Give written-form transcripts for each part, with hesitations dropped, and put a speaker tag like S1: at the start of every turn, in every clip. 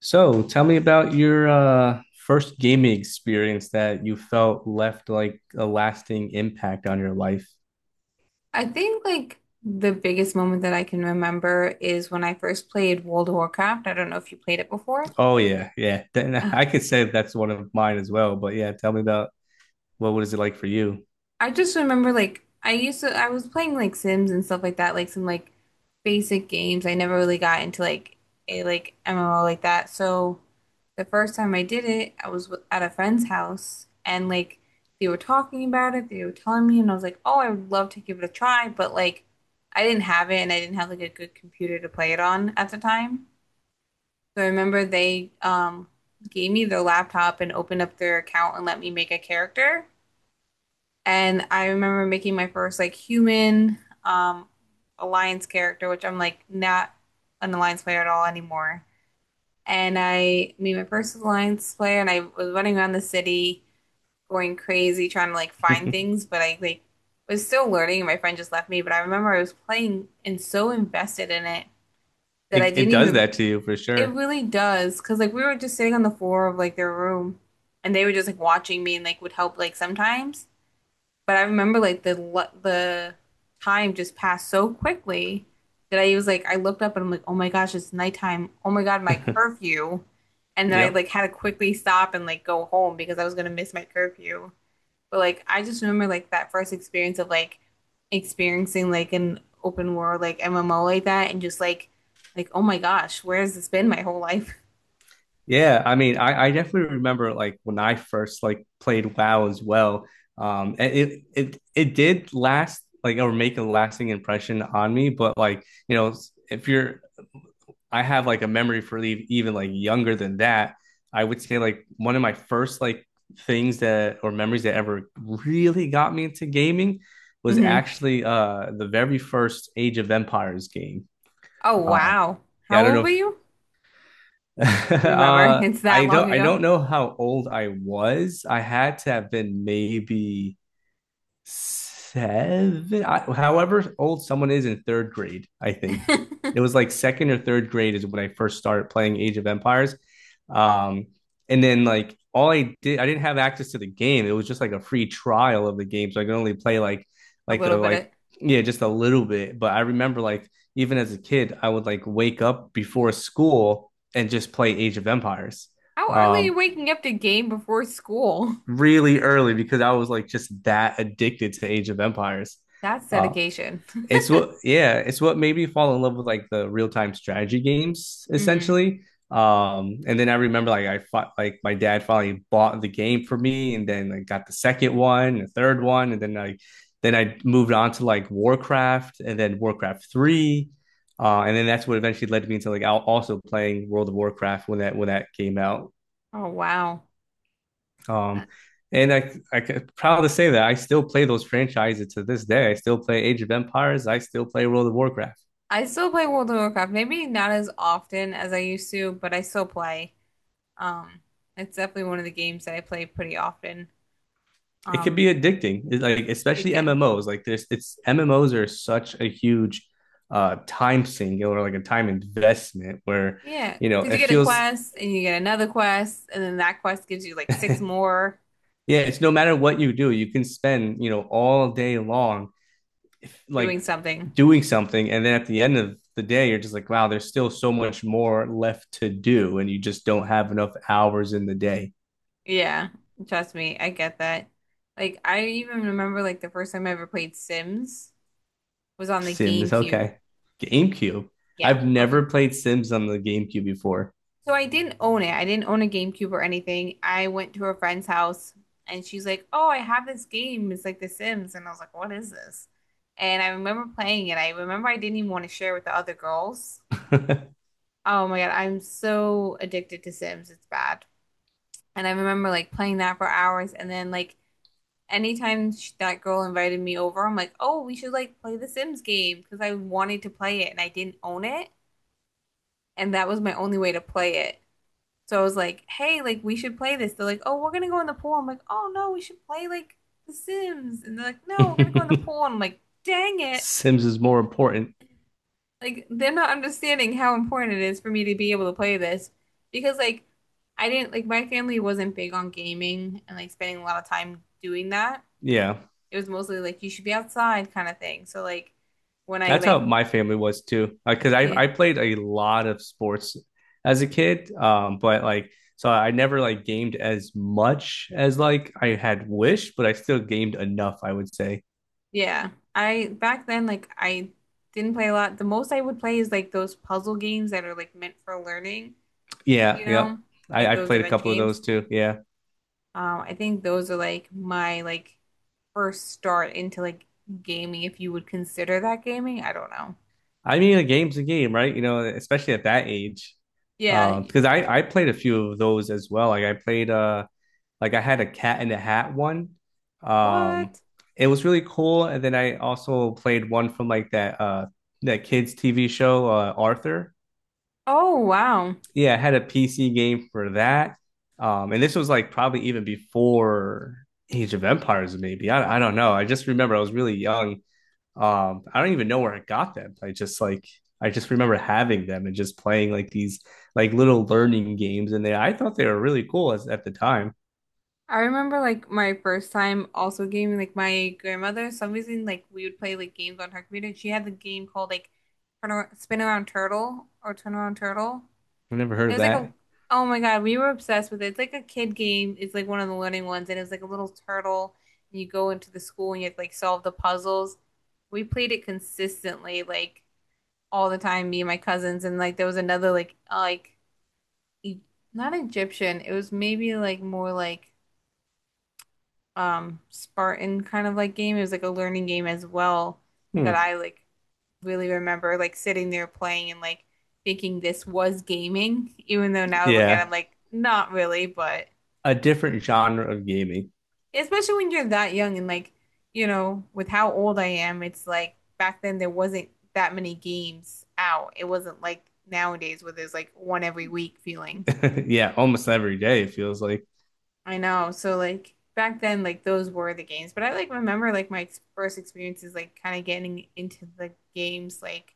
S1: So, tell me about your first gaming experience that you felt left like a lasting impact on your life.
S2: I think like the biggest moment that I can remember is when I first played World of Warcraft. I don't know if you played it before.
S1: Oh yeah, yeah. Then
S2: Ugh.
S1: I could say that's one of mine as well. But yeah, tell me about what was it like for you?
S2: I just remember like I used to I was playing like Sims and stuff like that, like some like basic games. I never really got into like a like MMO like that. So the first time I did it, I was at a friend's house and like they were talking about it, they were telling me and I was like, "Oh, I would love to give it a try," but like I didn't have it and I didn't have like a good computer to play it on at the time. So I remember they gave me their laptop and opened up their account and let me make a character. And I remember making my first like human um, alliance character, which I'm like not an alliance player at all anymore. And I made my first alliance player, and I was running around the city going crazy trying to like find things, but I like was still learning. And my friend just left me, but I remember I was playing and so invested in it that I
S1: It
S2: didn't
S1: does
S2: even.
S1: that to you for
S2: It
S1: sure.
S2: really does, because like we were just sitting on the floor of like their room, and they were just like watching me and like would help like sometimes. But I remember like the time just passed so quickly that I was like I looked up and I'm like, oh my gosh, it's nighttime. Oh my God, my curfew. And then I
S1: Yep.
S2: like had to quickly stop and like go home because I was gonna miss my curfew. But like I just remember like that first experience of like experiencing like an open world like MMO like that and just like oh my gosh, where has this been my whole life?
S1: Yeah, I mean, I definitely remember like when I first like played WoW as well. And it did last like or make a lasting impression on me, but, if you're I have like a memory for even like younger than that. I would say like one of my first like things that or memories that ever really got me into gaming was
S2: Hmm.
S1: actually the very first Age of Empires game.
S2: Oh,
S1: Um
S2: wow.
S1: yeah, I
S2: How
S1: don't
S2: old
S1: know
S2: were you?
S1: if
S2: Do you remember? It's that
S1: I
S2: long
S1: don't I
S2: ago.
S1: don't know how old I was. I had to have been maybe seven, I, however old someone is in third grade, I think. It was like second or third grade is when I first started playing Age of Empires. Um, and then like all I did, I didn't have access to the game. It was just like a free trial of the game, so I could only play like
S2: A
S1: like
S2: little
S1: the
S2: bit of
S1: like yeah, just a little bit. But I remember like even as a kid, I would like wake up before school and just play Age of Empires.
S2: how early are
S1: Um,
S2: you waking up to game before school?
S1: Really early because I was like just that addicted to Age of Empires.
S2: That's
S1: Uh,
S2: dedication.
S1: yeah, it's what made me fall in love with like the real time strategy games
S2: hmm.
S1: essentially. And then I remember like I fought like my dad finally bought the game for me, and then I like, got the second one, the third one, and then like then I moved on to like Warcraft, and then Warcraft three. And then that's what eventually led me into like also playing World of Warcraft when that came out.
S2: Oh, wow.
S1: Um, and I I'm proud to say that I still play those franchises to this day. I still play Age of Empires. I still play World of Warcraft.
S2: I still play World of Warcraft, maybe not as often as I used to, but I still play. Um, it's definitely one of the games that I play pretty often.
S1: It could be
S2: Um,
S1: addicting. It's like
S2: it
S1: especially
S2: can.
S1: MMOs. Like there's, it's MMOs are such a huge time sink or like a time investment where
S2: Yeah,
S1: you know
S2: because you
S1: it
S2: get a
S1: feels
S2: quest and you get another quest, and then that quest gives you like
S1: yeah.
S2: six more
S1: It's no matter what you do, you can spend you know all day long
S2: doing
S1: like
S2: something.
S1: doing something, and then at the end of the day you're just like wow, there's still so much more left to do and you just don't have enough hours in the day.
S2: Yeah, trust me, I get that. Like I even remember like the first time I ever played Sims was on the
S1: Sims,
S2: GameCube.
S1: okay. Gamecube.
S2: Yeah,
S1: I've
S2: okay.
S1: never played Sims on the Gamecube before.
S2: So I didn't own it. I didn't own a GameCube or anything. I went to a friend's house and she's like, "Oh, I have this game. It's like The Sims." And I was like, "What is this?" And I remember playing it. I remember I didn't even want to share with the other girls. Oh my God, I'm so addicted to Sims. It's bad. And I remember like playing that for hours and then like anytime sh that girl invited me over, I'm like, oh, we should like play the Sims game because I wanted to play it and I didn't own it. And that was my only way to play it. So I was like, hey, like we should play this. They're like, oh, we're gonna go in the pool. I'm like, oh no, we should play like the Sims. And they're like, no, we're gonna go in the pool. And I'm like, dang it.
S1: Sims is more important.
S2: Like they're not understanding how important it is for me to be able to play this because like I didn't like my family wasn't big on gaming and like spending a lot of time doing that.
S1: Yeah.
S2: It was mostly like you should be outside kind of thing. So like when I
S1: That's how
S2: like
S1: my family was too. Like, cause I
S2: yeah,
S1: I played a lot of sports as a kid, but like so I never like gamed as much as like I had wished, but I still gamed enough, I would say.
S2: yeah, I back then like I didn't play a lot. The most I would play is like those puzzle games that are like meant for learning,
S1: Yeah,
S2: you
S1: yep.
S2: know,
S1: I,
S2: like
S1: I
S2: those
S1: played a
S2: adventure
S1: couple of those
S2: games.
S1: too. Yeah.
S2: I think those are like my like first start into like gaming, if you would consider that gaming. I don't know.
S1: I mean, a game's a game, right? You know, especially at that age.
S2: Yeah.
S1: Because I played a few of those as well. Like I played like I had a Cat in the Hat one. Um,
S2: What?
S1: it was really cool. And then I also played one from like that that kids TV show, Arthur.
S2: Oh, wow.
S1: Yeah, I had a PC game for that. And this was like probably even before Age of Empires, maybe. I don't know. I just remember I was really young. I don't even know where I got them. I just remember having them and just playing like these like little learning games, and they I thought they were really cool at the time.
S2: I remember like my first time also gaming, like my grandmother, some reason like we would play like games on her computer. And she had the game called like Spin Around Turtle or Turn Around Turtle.
S1: I never heard
S2: It
S1: of
S2: was like a
S1: that.
S2: oh my God, we were obsessed with it. It's like a kid game. It's like one of the learning ones, and it was like a little turtle, and you go into the school and you have to like solve the puzzles. We played it consistently, like all the time, me and my cousins, and like there was another like e- not Egyptian. It was maybe like more like Spartan kind of like game. It was like a learning game as well that
S1: Hmm.
S2: I like really remember like sitting there playing and like thinking this was gaming, even though now I look at it, I'm
S1: Yeah.
S2: like, not really, but
S1: A different genre of gaming.
S2: especially when you're that young and like, you know, with how old I am, it's like back then there wasn't that many games out. It wasn't like nowadays where there's like one every week feeling.
S1: Yeah. Almost every day, it feels like.
S2: I know. So like back then, like those were the games. But I like remember like first experiences, like kind of getting into the games. Like,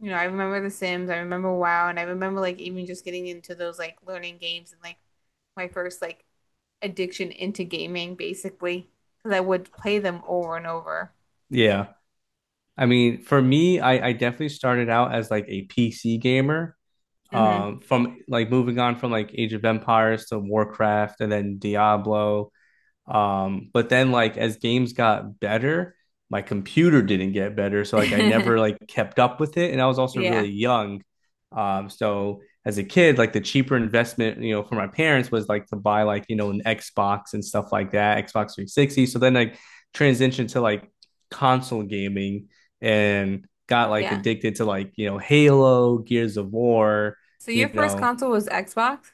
S2: you know, I remember The Sims, I remember WoW, and I remember like even just getting into those like learning games and like my first like addiction into gaming, basically, because I would play them over and over.
S1: Yeah. I mean, for me, I definitely started out as like a PC gamer.
S2: Hmm.
S1: From like moving on from like Age of Empires to Warcraft and then Diablo. But then like as games got better, my computer didn't get better, so like I never like kept up with it, and I was also
S2: Yeah,
S1: really young. So as a kid, like the cheaper investment, you know, for my parents was like to buy like you know an Xbox and stuff like that, Xbox 360. So then I transitioned to like console gaming and got like
S2: yeah.
S1: addicted to like you know Halo, Gears of War,
S2: So your
S1: you
S2: first
S1: know,
S2: console was Xbox?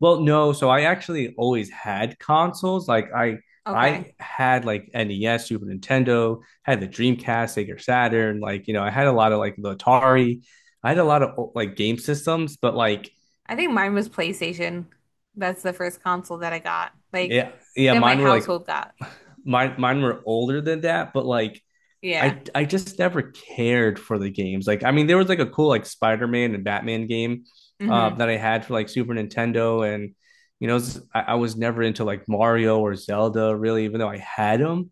S1: well, no, so I actually always had consoles.
S2: Okay.
S1: I had like NES, Super Nintendo, had the Dreamcast, Sega Saturn, like you know, I had a lot of like the Atari. I had a lot of like game systems, but like
S2: I think mine was PlayStation. That's the first console that I got. Like
S1: yeah, yeah,
S2: that my
S1: mine were like
S2: household got.
S1: mine were older than that, but like
S2: Yeah.
S1: I just never cared for the games. Like I mean, there was like a cool like Spider Man and Batman game
S2: Hmm.
S1: that I had for like Super Nintendo, and you know, I was never into like Mario or Zelda really, even though I had them.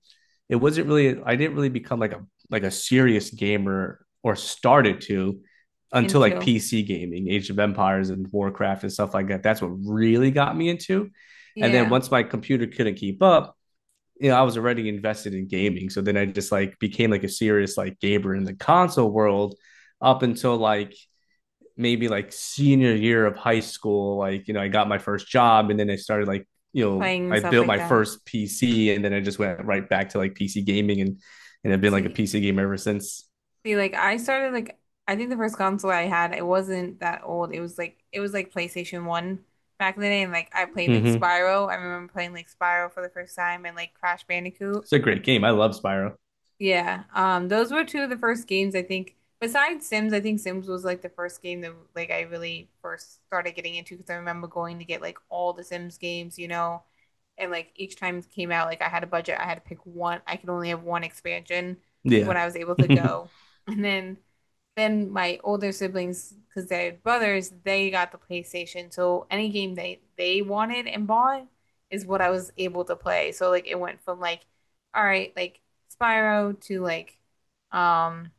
S1: It wasn't really I didn't really become like a serious gamer or started to until like
S2: Into.
S1: PC gaming, Age of Empires and Warcraft and stuff like that. That's what really got me into. And then
S2: Yeah.
S1: once my computer couldn't keep up, you know, I was already invested in gaming. So then I just like became like a serious like gamer in the console world up until like maybe like senior year of high school. Like, you know, I got my first job and then I started like, you know,
S2: Playing and
S1: I
S2: stuff
S1: built
S2: like
S1: my
S2: that.
S1: first PC and then I just went right back to like PC gaming, and I've been like a
S2: See,
S1: PC gamer ever since.
S2: see, like I started like I think the first console I had, it wasn't that old. It was like PlayStation 1 back in the day and like I played like
S1: Mm-hmm.
S2: Spyro. I remember playing like Spyro for the first time and like Crash Bandicoot.
S1: It's a great game. I love Spyro.
S2: Yeah, those were two of the first games I think. Besides Sims, I think Sims was like the first game that like I really first started getting into because I remember going to get like all the Sims games, you know, and like each time it came out, like I had a budget, I had to pick one. I could only have one expansion when
S1: Yeah.
S2: I was able to
S1: Oh,
S2: go, and then my older siblings, because they had brothers, they got the PlayStation. So any game they wanted and bought is what I was able to play. So like it went from like, all right, like Spyro to like, um,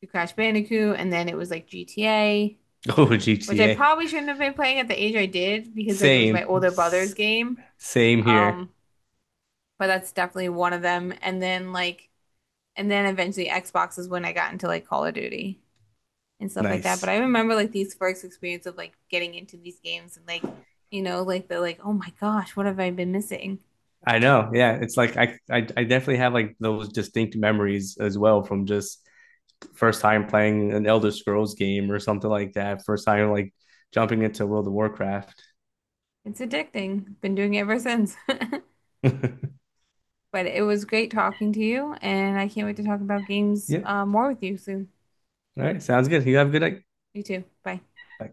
S2: to Crash Bandicoot, and then it was like GTA, which I
S1: GTA.
S2: probably shouldn't have been playing at the age I did because like it was my
S1: Same.
S2: older brother's game.
S1: Same here.
S2: Um, but that's definitely one of them. And then like, and then eventually Xbox is when I got into like Call of Duty and stuff like that. But
S1: Nice.
S2: I remember like these first experience of like getting into these games and like, you know, like the like, oh my gosh, what have I been missing?
S1: I know. Yeah, it's like I definitely have like those distinct memories as well from just first time playing an Elder Scrolls game or something like that. First time like jumping into World of Warcraft.
S2: It's addicting. Been doing it ever since.
S1: Yep.
S2: But it was great talking to you, and I can't wait to talk about games more with you soon.
S1: All right. Sounds good. You have a good night.
S2: You too. Bye.
S1: Bye.